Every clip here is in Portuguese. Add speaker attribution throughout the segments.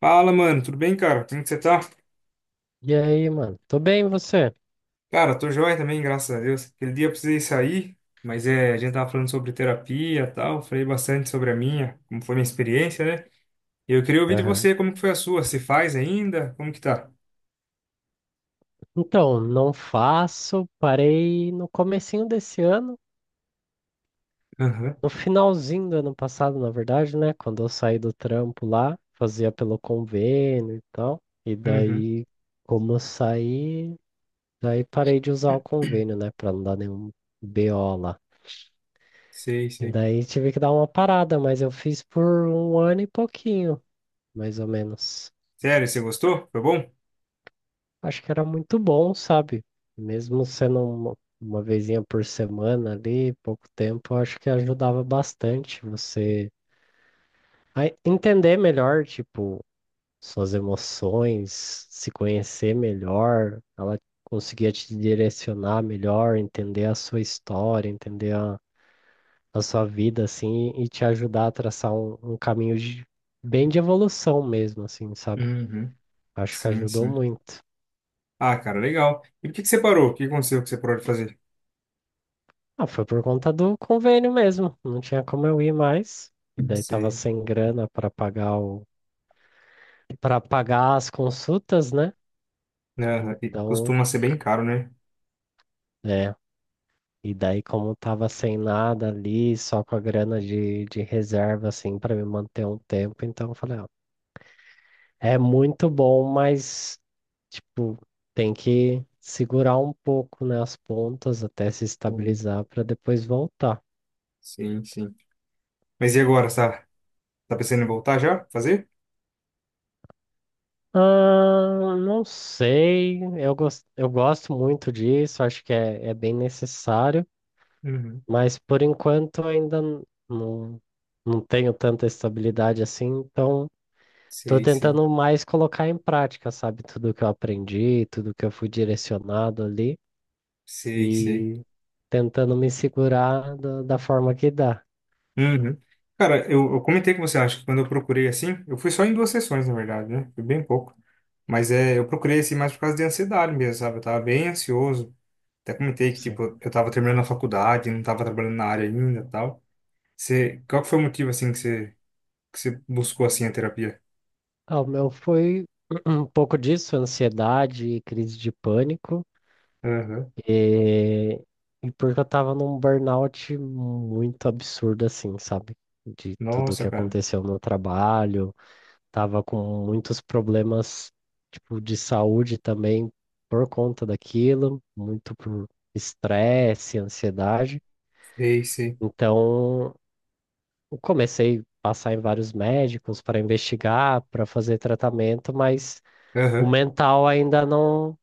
Speaker 1: Fala, mano, tudo bem, cara? Como que você tá?
Speaker 2: E aí, mano? Tô bem, e você?
Speaker 1: Cara, tô joia também, graças a Deus. Aquele dia eu precisei sair, mas é, a gente tava falando sobre terapia e tal, falei bastante sobre a minha, como foi minha experiência, né? E eu queria ouvir de
Speaker 2: Aham.
Speaker 1: você, como que foi a sua? Se faz ainda? Como que tá?
Speaker 2: Então, não faço, parei no comecinho desse ano,
Speaker 1: Aham,
Speaker 2: no finalzinho do ano passado, na verdade, né? Quando eu saí do trampo lá, fazia pelo convênio e tal. E
Speaker 1: uhum,
Speaker 2: daí, como eu saí, daí parei de usar o convênio, né? Pra não dar nenhum BO lá.
Speaker 1: sei,
Speaker 2: E
Speaker 1: sei.
Speaker 2: daí tive que dar uma parada, mas eu fiz por um ano e pouquinho, mais ou menos.
Speaker 1: Sério, você gostou? Foi bom?
Speaker 2: Acho que era muito bom, sabe? Mesmo sendo uma vezinha por semana ali, pouco tempo, acho que ajudava bastante você a entender melhor, tipo, suas emoções, se conhecer melhor. Ela conseguia te direcionar melhor, entender a sua história, entender a sua vida, assim, e te ajudar a traçar um bem de evolução mesmo, assim, sabe?
Speaker 1: Uhum,
Speaker 2: Acho que
Speaker 1: sim,
Speaker 2: ajudou
Speaker 1: sim.
Speaker 2: muito.
Speaker 1: Ah, cara, legal. E por que que você parou? O que aconteceu que você parou de fazer?
Speaker 2: Ah, foi por conta do convênio mesmo. Não tinha como eu ir mais. E daí tava
Speaker 1: Sei.
Speaker 2: sem grana para pagar as consultas, né?
Speaker 1: Aham, e costuma
Speaker 2: Então,
Speaker 1: ser bem caro, né?
Speaker 2: é. E daí como tava sem nada ali, só com a grana de reserva assim para me manter um tempo, então eu falei, ó, é muito bom, mas tipo, tem que segurar um pouco, né, as pontas até se
Speaker 1: Hum,
Speaker 2: estabilizar para depois voltar.
Speaker 1: sim, sim. Mas e agora, tá pensando em voltar já? Fazer?
Speaker 2: Ah, não sei, eu gosto muito disso, acho que é bem necessário,
Speaker 1: Uhum.
Speaker 2: mas por enquanto não, não tenho tanta estabilidade assim, então estou
Speaker 1: Sei, sei.
Speaker 2: tentando mais colocar em prática, sabe, tudo que eu aprendi, tudo que eu fui direcionado ali
Speaker 1: Sei, sei.
Speaker 2: e tentando me segurar da forma que dá.
Speaker 1: Uhum. Cara, eu comentei com você, acho que quando eu procurei assim, eu fui só em duas sessões, na verdade, né? Foi bem pouco. Mas é, eu procurei assim mais por causa de ansiedade mesmo, sabe? Eu tava bem ansioso. Até comentei que,
Speaker 2: Sim.
Speaker 1: tipo, eu tava terminando a faculdade, não tava trabalhando na área ainda e tal. Você, qual que foi o motivo, assim, que você buscou, assim, a terapia?
Speaker 2: Ah, o meu foi um pouco disso, ansiedade e crise de pânico.
Speaker 1: Aham.
Speaker 2: E, e porque eu tava num burnout muito absurdo, assim, sabe? De tudo
Speaker 1: Nossa,
Speaker 2: que
Speaker 1: cara.
Speaker 2: aconteceu no trabalho, tava com muitos problemas, tipo, de saúde também por conta daquilo, muito por estresse, ansiedade.
Speaker 1: Sei, sei.
Speaker 2: Então, eu comecei a passar em vários médicos para investigar, para fazer tratamento, mas o
Speaker 1: Aham.
Speaker 2: mental ainda não.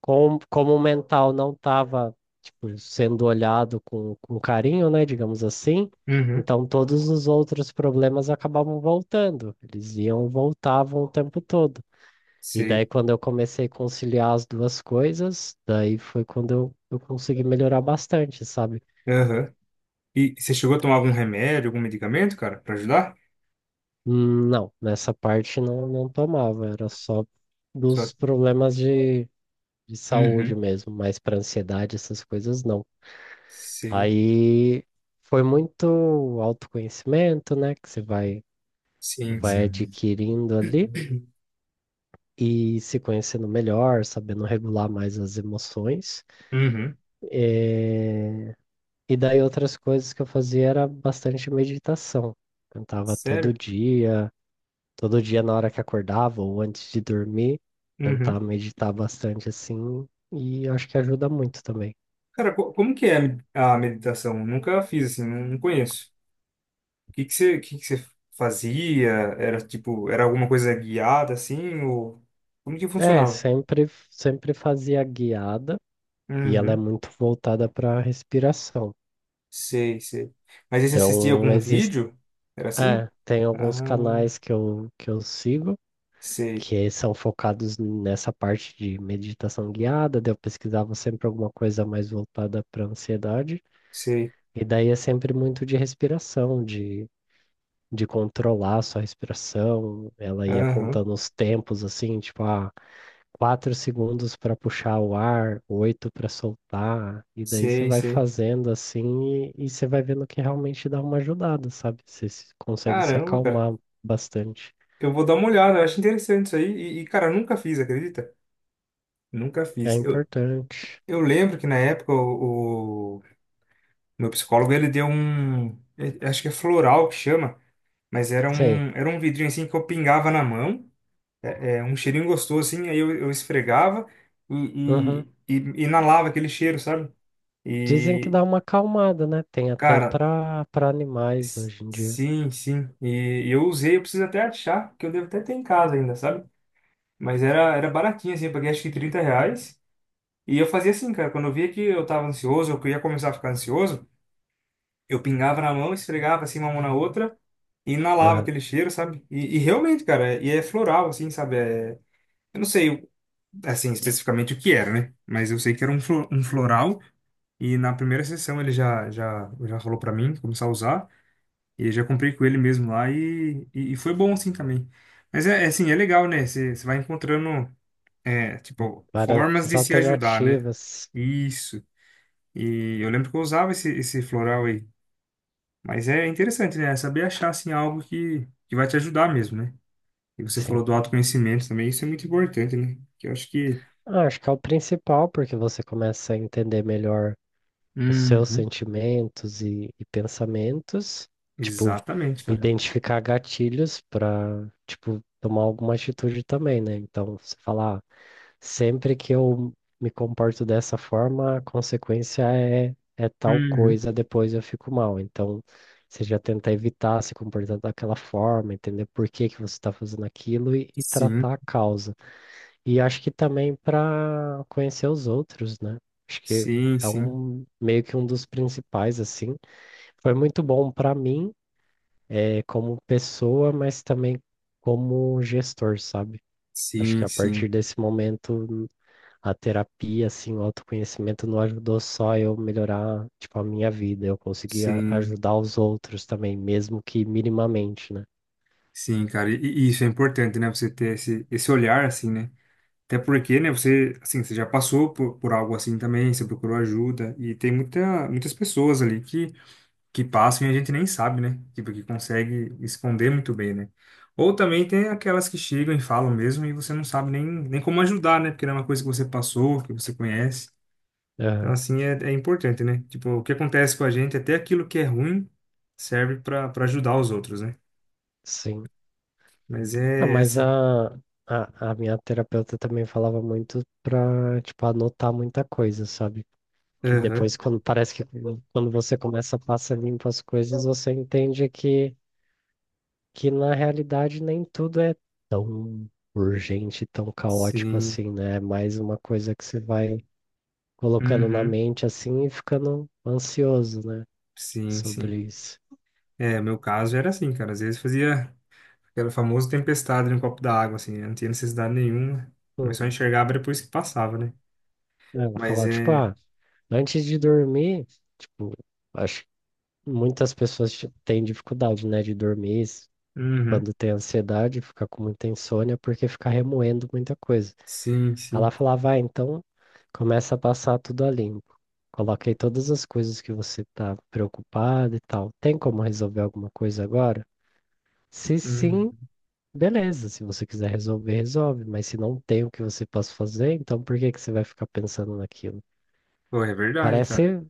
Speaker 2: Como o mental não estava, tipo, sendo olhado com carinho, né, digamos assim,
Speaker 1: Uhum.
Speaker 2: então todos os outros problemas acabavam voltando. Eles iam, voltavam o tempo todo. E
Speaker 1: Sei.
Speaker 2: daí, quando eu comecei a conciliar as duas coisas, daí foi quando eu consegui melhorar bastante, sabe?
Speaker 1: Aham. E você chegou a tomar algum remédio, algum medicamento, cara, pra ajudar?
Speaker 2: Não, nessa parte não, não tomava, era só
Speaker 1: Só...
Speaker 2: dos problemas de saúde
Speaker 1: Uhum.
Speaker 2: mesmo, mas para ansiedade, essas coisas não.
Speaker 1: Sei.
Speaker 2: Aí foi muito autoconhecimento, né, que
Speaker 1: Sim,
Speaker 2: vai
Speaker 1: sim.
Speaker 2: adquirindo ali e se conhecendo melhor, sabendo regular mais as emoções.
Speaker 1: Uhum.
Speaker 2: É, E daí outras coisas que eu fazia era bastante meditação. Tentava todo
Speaker 1: Sério?
Speaker 2: dia, Todo dia na hora que acordava ou antes de dormir, tentar
Speaker 1: Uhum.
Speaker 2: meditar bastante assim, e acho que ajuda muito também.
Speaker 1: Cara, como que é a a meditação? Nunca fiz assim, não conheço. O que que você fazia? Era tipo, era alguma coisa guiada assim ou como que
Speaker 2: É,
Speaker 1: funcionava?
Speaker 2: sempre fazia guiada e ela é
Speaker 1: Uhum.
Speaker 2: muito voltada para a respiração.
Speaker 1: Sei, sei. Mas aí você assistia
Speaker 2: Então,
Speaker 1: algum
Speaker 2: existe,
Speaker 1: vídeo? Era assim?
Speaker 2: Tem
Speaker 1: Ah,
Speaker 2: alguns canais que eu sigo
Speaker 1: sei,
Speaker 2: que são focados nessa parte de meditação guiada. Daí eu pesquisava sempre alguma coisa mais voltada para ansiedade,
Speaker 1: sei.
Speaker 2: e daí é sempre muito de respiração, de controlar a sua respiração. Ela ia
Speaker 1: Aham.
Speaker 2: contando os tempos, assim, tipo, ah, quatro segundos para puxar o ar, oito para soltar, e daí você
Speaker 1: Sei,
Speaker 2: vai
Speaker 1: sei.
Speaker 2: fazendo assim e você vai vendo que realmente dá uma ajudada, sabe? Você se- Consegue se
Speaker 1: Caramba, cara.
Speaker 2: acalmar bastante.
Speaker 1: Eu vou dar uma olhada, eu acho interessante isso aí. Cara, eu nunca fiz, acredita? Nunca
Speaker 2: É
Speaker 1: fiz.
Speaker 2: importante.
Speaker 1: Eu lembro que na época o meu psicólogo ele deu um. Acho que é floral que chama, mas era
Speaker 2: Sei.
Speaker 1: era um vidrinho assim que eu pingava na mão, um cheirinho gostoso assim, aí eu esfregava
Speaker 2: Uhum.
Speaker 1: e inalava aquele cheiro, sabe?
Speaker 2: Dizem que
Speaker 1: E,
Speaker 2: dá uma acalmada, né? Tem até
Speaker 1: cara,
Speaker 2: para animais hoje em dia.
Speaker 1: sim, sim. E, eu usei, eu preciso até achar, que eu devo até ter em casa ainda, sabe? Mas era baratinho assim, eu paguei acho que R$ 30. E eu fazia assim, cara, quando eu via que eu tava ansioso, ou que eu queria começar a ficar ansioso, eu pingava na mão, esfregava assim uma mão na outra e inalava
Speaker 2: Aham.
Speaker 1: aquele cheiro, sabe? E realmente, cara, e é floral, assim, sabe? É, eu não sei, assim, especificamente o que era, né? Mas eu sei que era um, um floral e na primeira sessão ele já falou pra mim começar a usar e eu já comprei com ele mesmo lá e foi bom, assim, também. Mas é, é assim, é legal, né? Você vai encontrando, é,
Speaker 2: Bom,
Speaker 1: tipo,
Speaker 2: várias
Speaker 1: formas de se ajudar, né?
Speaker 2: alternativas.
Speaker 1: Isso. E eu lembro que eu usava esse floral aí. Mas é interessante, né? É saber achar, assim, algo que vai te ajudar mesmo, né? E você
Speaker 2: Sim.
Speaker 1: falou do autoconhecimento também, isso é muito importante, né? Que eu acho que...
Speaker 2: Ah, acho que é o principal, porque você começa a entender melhor os seus
Speaker 1: Uhum.
Speaker 2: sentimentos e pensamentos, tipo,
Speaker 1: Exatamente, cara.
Speaker 2: identificar gatilhos para, tipo, tomar alguma atitude também, né? Então, você falar, sempre que eu me comporto dessa forma, a consequência é tal
Speaker 1: Uhum.
Speaker 2: coisa, depois eu fico mal. Então, você já tenta evitar se comportar daquela forma, entender por que que você está fazendo aquilo e
Speaker 1: Sim,
Speaker 2: tratar a causa. E acho que também para conhecer os outros, né? Acho que
Speaker 1: sim,
Speaker 2: é
Speaker 1: sim.
Speaker 2: um meio que um dos principais, assim. Foi muito bom para mim, como pessoa, mas também como gestor, sabe? Acho que
Speaker 1: Sim,
Speaker 2: a
Speaker 1: sim,
Speaker 2: partir desse momento, a terapia, assim, o autoconhecimento não ajudou só eu melhorar, tipo, a minha vida. Eu conseguia
Speaker 1: sim,
Speaker 2: ajudar os outros também, mesmo que minimamente, né?
Speaker 1: sim, cara. E isso é importante, né? Você ter esse olhar, assim, né? Até porque, né? Você, assim, você já passou por algo assim também, você procurou ajuda. E tem muitas pessoas ali que passam e a gente nem sabe, né? Tipo, que consegue esconder muito bem, né? Ou também tem aquelas que chegam e falam mesmo e você não sabe nem como ajudar, né? Porque não é uma coisa que você passou, que você conhece. Então,
Speaker 2: Aham,
Speaker 1: assim, é, é importante, né? Tipo, o que acontece com a gente, até aquilo que é ruim, serve para ajudar os outros, né?
Speaker 2: sim.
Speaker 1: Mas
Speaker 2: Ah,
Speaker 1: é, é
Speaker 2: mas
Speaker 1: assim.
Speaker 2: a, a, a minha terapeuta também falava muito pra, tipo, anotar muita coisa, sabe? Que depois,
Speaker 1: Aham.
Speaker 2: quando parece que quando você começa a passar limpo as coisas, você entende que na realidade nem tudo é tão urgente, tão caótico
Speaker 1: Sim.
Speaker 2: assim, né? É mais uma coisa que você vai colocando na
Speaker 1: Uhum.
Speaker 2: mente assim e ficando ansioso, né?
Speaker 1: Sim, sim.
Speaker 2: Sobre isso.
Speaker 1: É, meu caso era assim, cara. Às vezes fazia aquela famosa tempestade no copo da água, assim. Eu não tinha necessidade nenhuma, mas só
Speaker 2: Hum,
Speaker 1: enxergava depois que passava, né?
Speaker 2: ela
Speaker 1: Mas
Speaker 2: falava, tipo,
Speaker 1: é.
Speaker 2: ah, antes de dormir, tipo, acho muitas pessoas têm dificuldade, né,
Speaker 1: Uhum.
Speaker 2: quando tem ansiedade, fica com muita insônia, porque fica remoendo muita coisa.
Speaker 1: Sim,
Speaker 2: Ela
Speaker 1: sim.
Speaker 2: falava, ah, então começa a passar tudo a limpo. Coloquei todas as coisas que você está preocupado e tal. Tem como resolver alguma coisa agora? Se
Speaker 1: Uhum.
Speaker 2: sim, beleza. Se você quiser resolver, resolve. Mas se não tem o que você possa fazer, então por que que você vai ficar pensando naquilo?
Speaker 1: Pô, é verdade, cara.
Speaker 2: Parece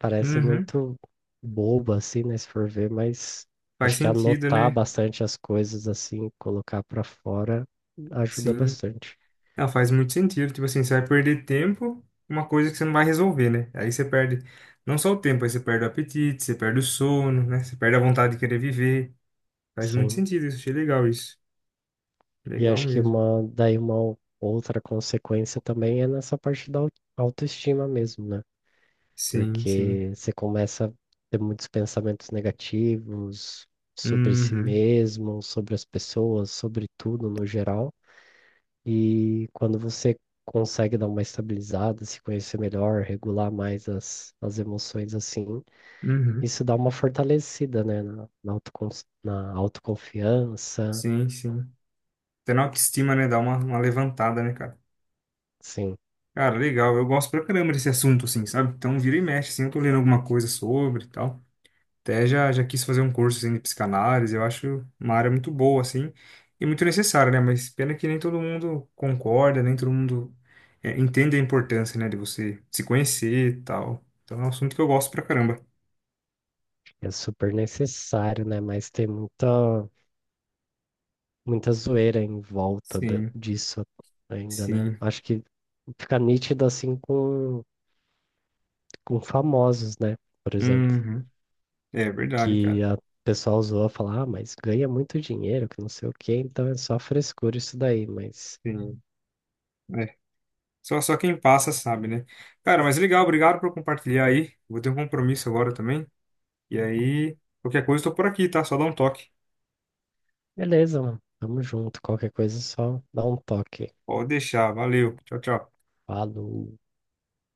Speaker 2: parece
Speaker 1: Uhum.
Speaker 2: muito boba, assim, né? Se for ver, mas
Speaker 1: Faz
Speaker 2: acho que
Speaker 1: sentido,
Speaker 2: anotar
Speaker 1: né?
Speaker 2: bastante as coisas, assim, colocar pra fora, ajuda
Speaker 1: Sim.
Speaker 2: bastante.
Speaker 1: Não, faz muito sentido. Tipo assim, você vai perder tempo, uma coisa que você não vai resolver, né? Aí você perde não só o tempo, aí você perde o apetite, você perde o sono, né? Você perde a vontade de querer viver. Faz muito
Speaker 2: Sim.
Speaker 1: sentido isso. Achei legal isso.
Speaker 2: E
Speaker 1: Legal
Speaker 2: acho que
Speaker 1: mesmo.
Speaker 2: uma, daí uma outra consequência também é nessa parte autoestima mesmo, né?
Speaker 1: Sim, sim.
Speaker 2: Porque você começa a ter muitos pensamentos negativos sobre si
Speaker 1: Uhum.
Speaker 2: mesmo, sobre as pessoas, sobre tudo no geral. E quando você consegue dar uma estabilizada, se conhecer melhor, regular mais as emoções assim,
Speaker 1: Uhum.
Speaker 2: isso dá uma fortalecida, né? Na autoconfiança,
Speaker 1: Sim, sim. Até na autoestima, né? Dá uma levantada, né, cara?
Speaker 2: sim,
Speaker 1: Cara, legal. Eu gosto pra caramba desse assunto, assim, sabe? Então, vira e mexe, assim, eu tô lendo alguma coisa sobre e tal. Até já quis fazer um curso, assim, de psicanálise. Eu acho uma área muito boa, assim, e muito necessária, né? Mas pena que nem todo mundo concorda, nem todo mundo é, entende a importância, né, de você se conhecer e tal. Então, é um assunto que eu gosto pra caramba.
Speaker 2: é super necessário, né? Mas tem muita, muita zoeira em volta
Speaker 1: Sim,
Speaker 2: disso ainda, né?
Speaker 1: sim.
Speaker 2: Acho que fica nítido assim com famosos, né? Por exemplo.
Speaker 1: Uhum. É verdade,
Speaker 2: Que
Speaker 1: cara.
Speaker 2: a pessoa usou a falar, ah, mas ganha muito dinheiro, que não sei o quê, então é só frescura isso daí, mas
Speaker 1: Sim. É. Só, só quem passa sabe, né? Cara, mas legal, obrigado por compartilhar aí. Vou ter um compromisso agora também. E aí, qualquer coisa, eu tô por aqui, tá? Só dá um toque.
Speaker 2: beleza, mano, tamo junto, qualquer coisa é só dá um toque.
Speaker 1: Pode deixar. Valeu. Tchau, tchau.
Speaker 2: Falou.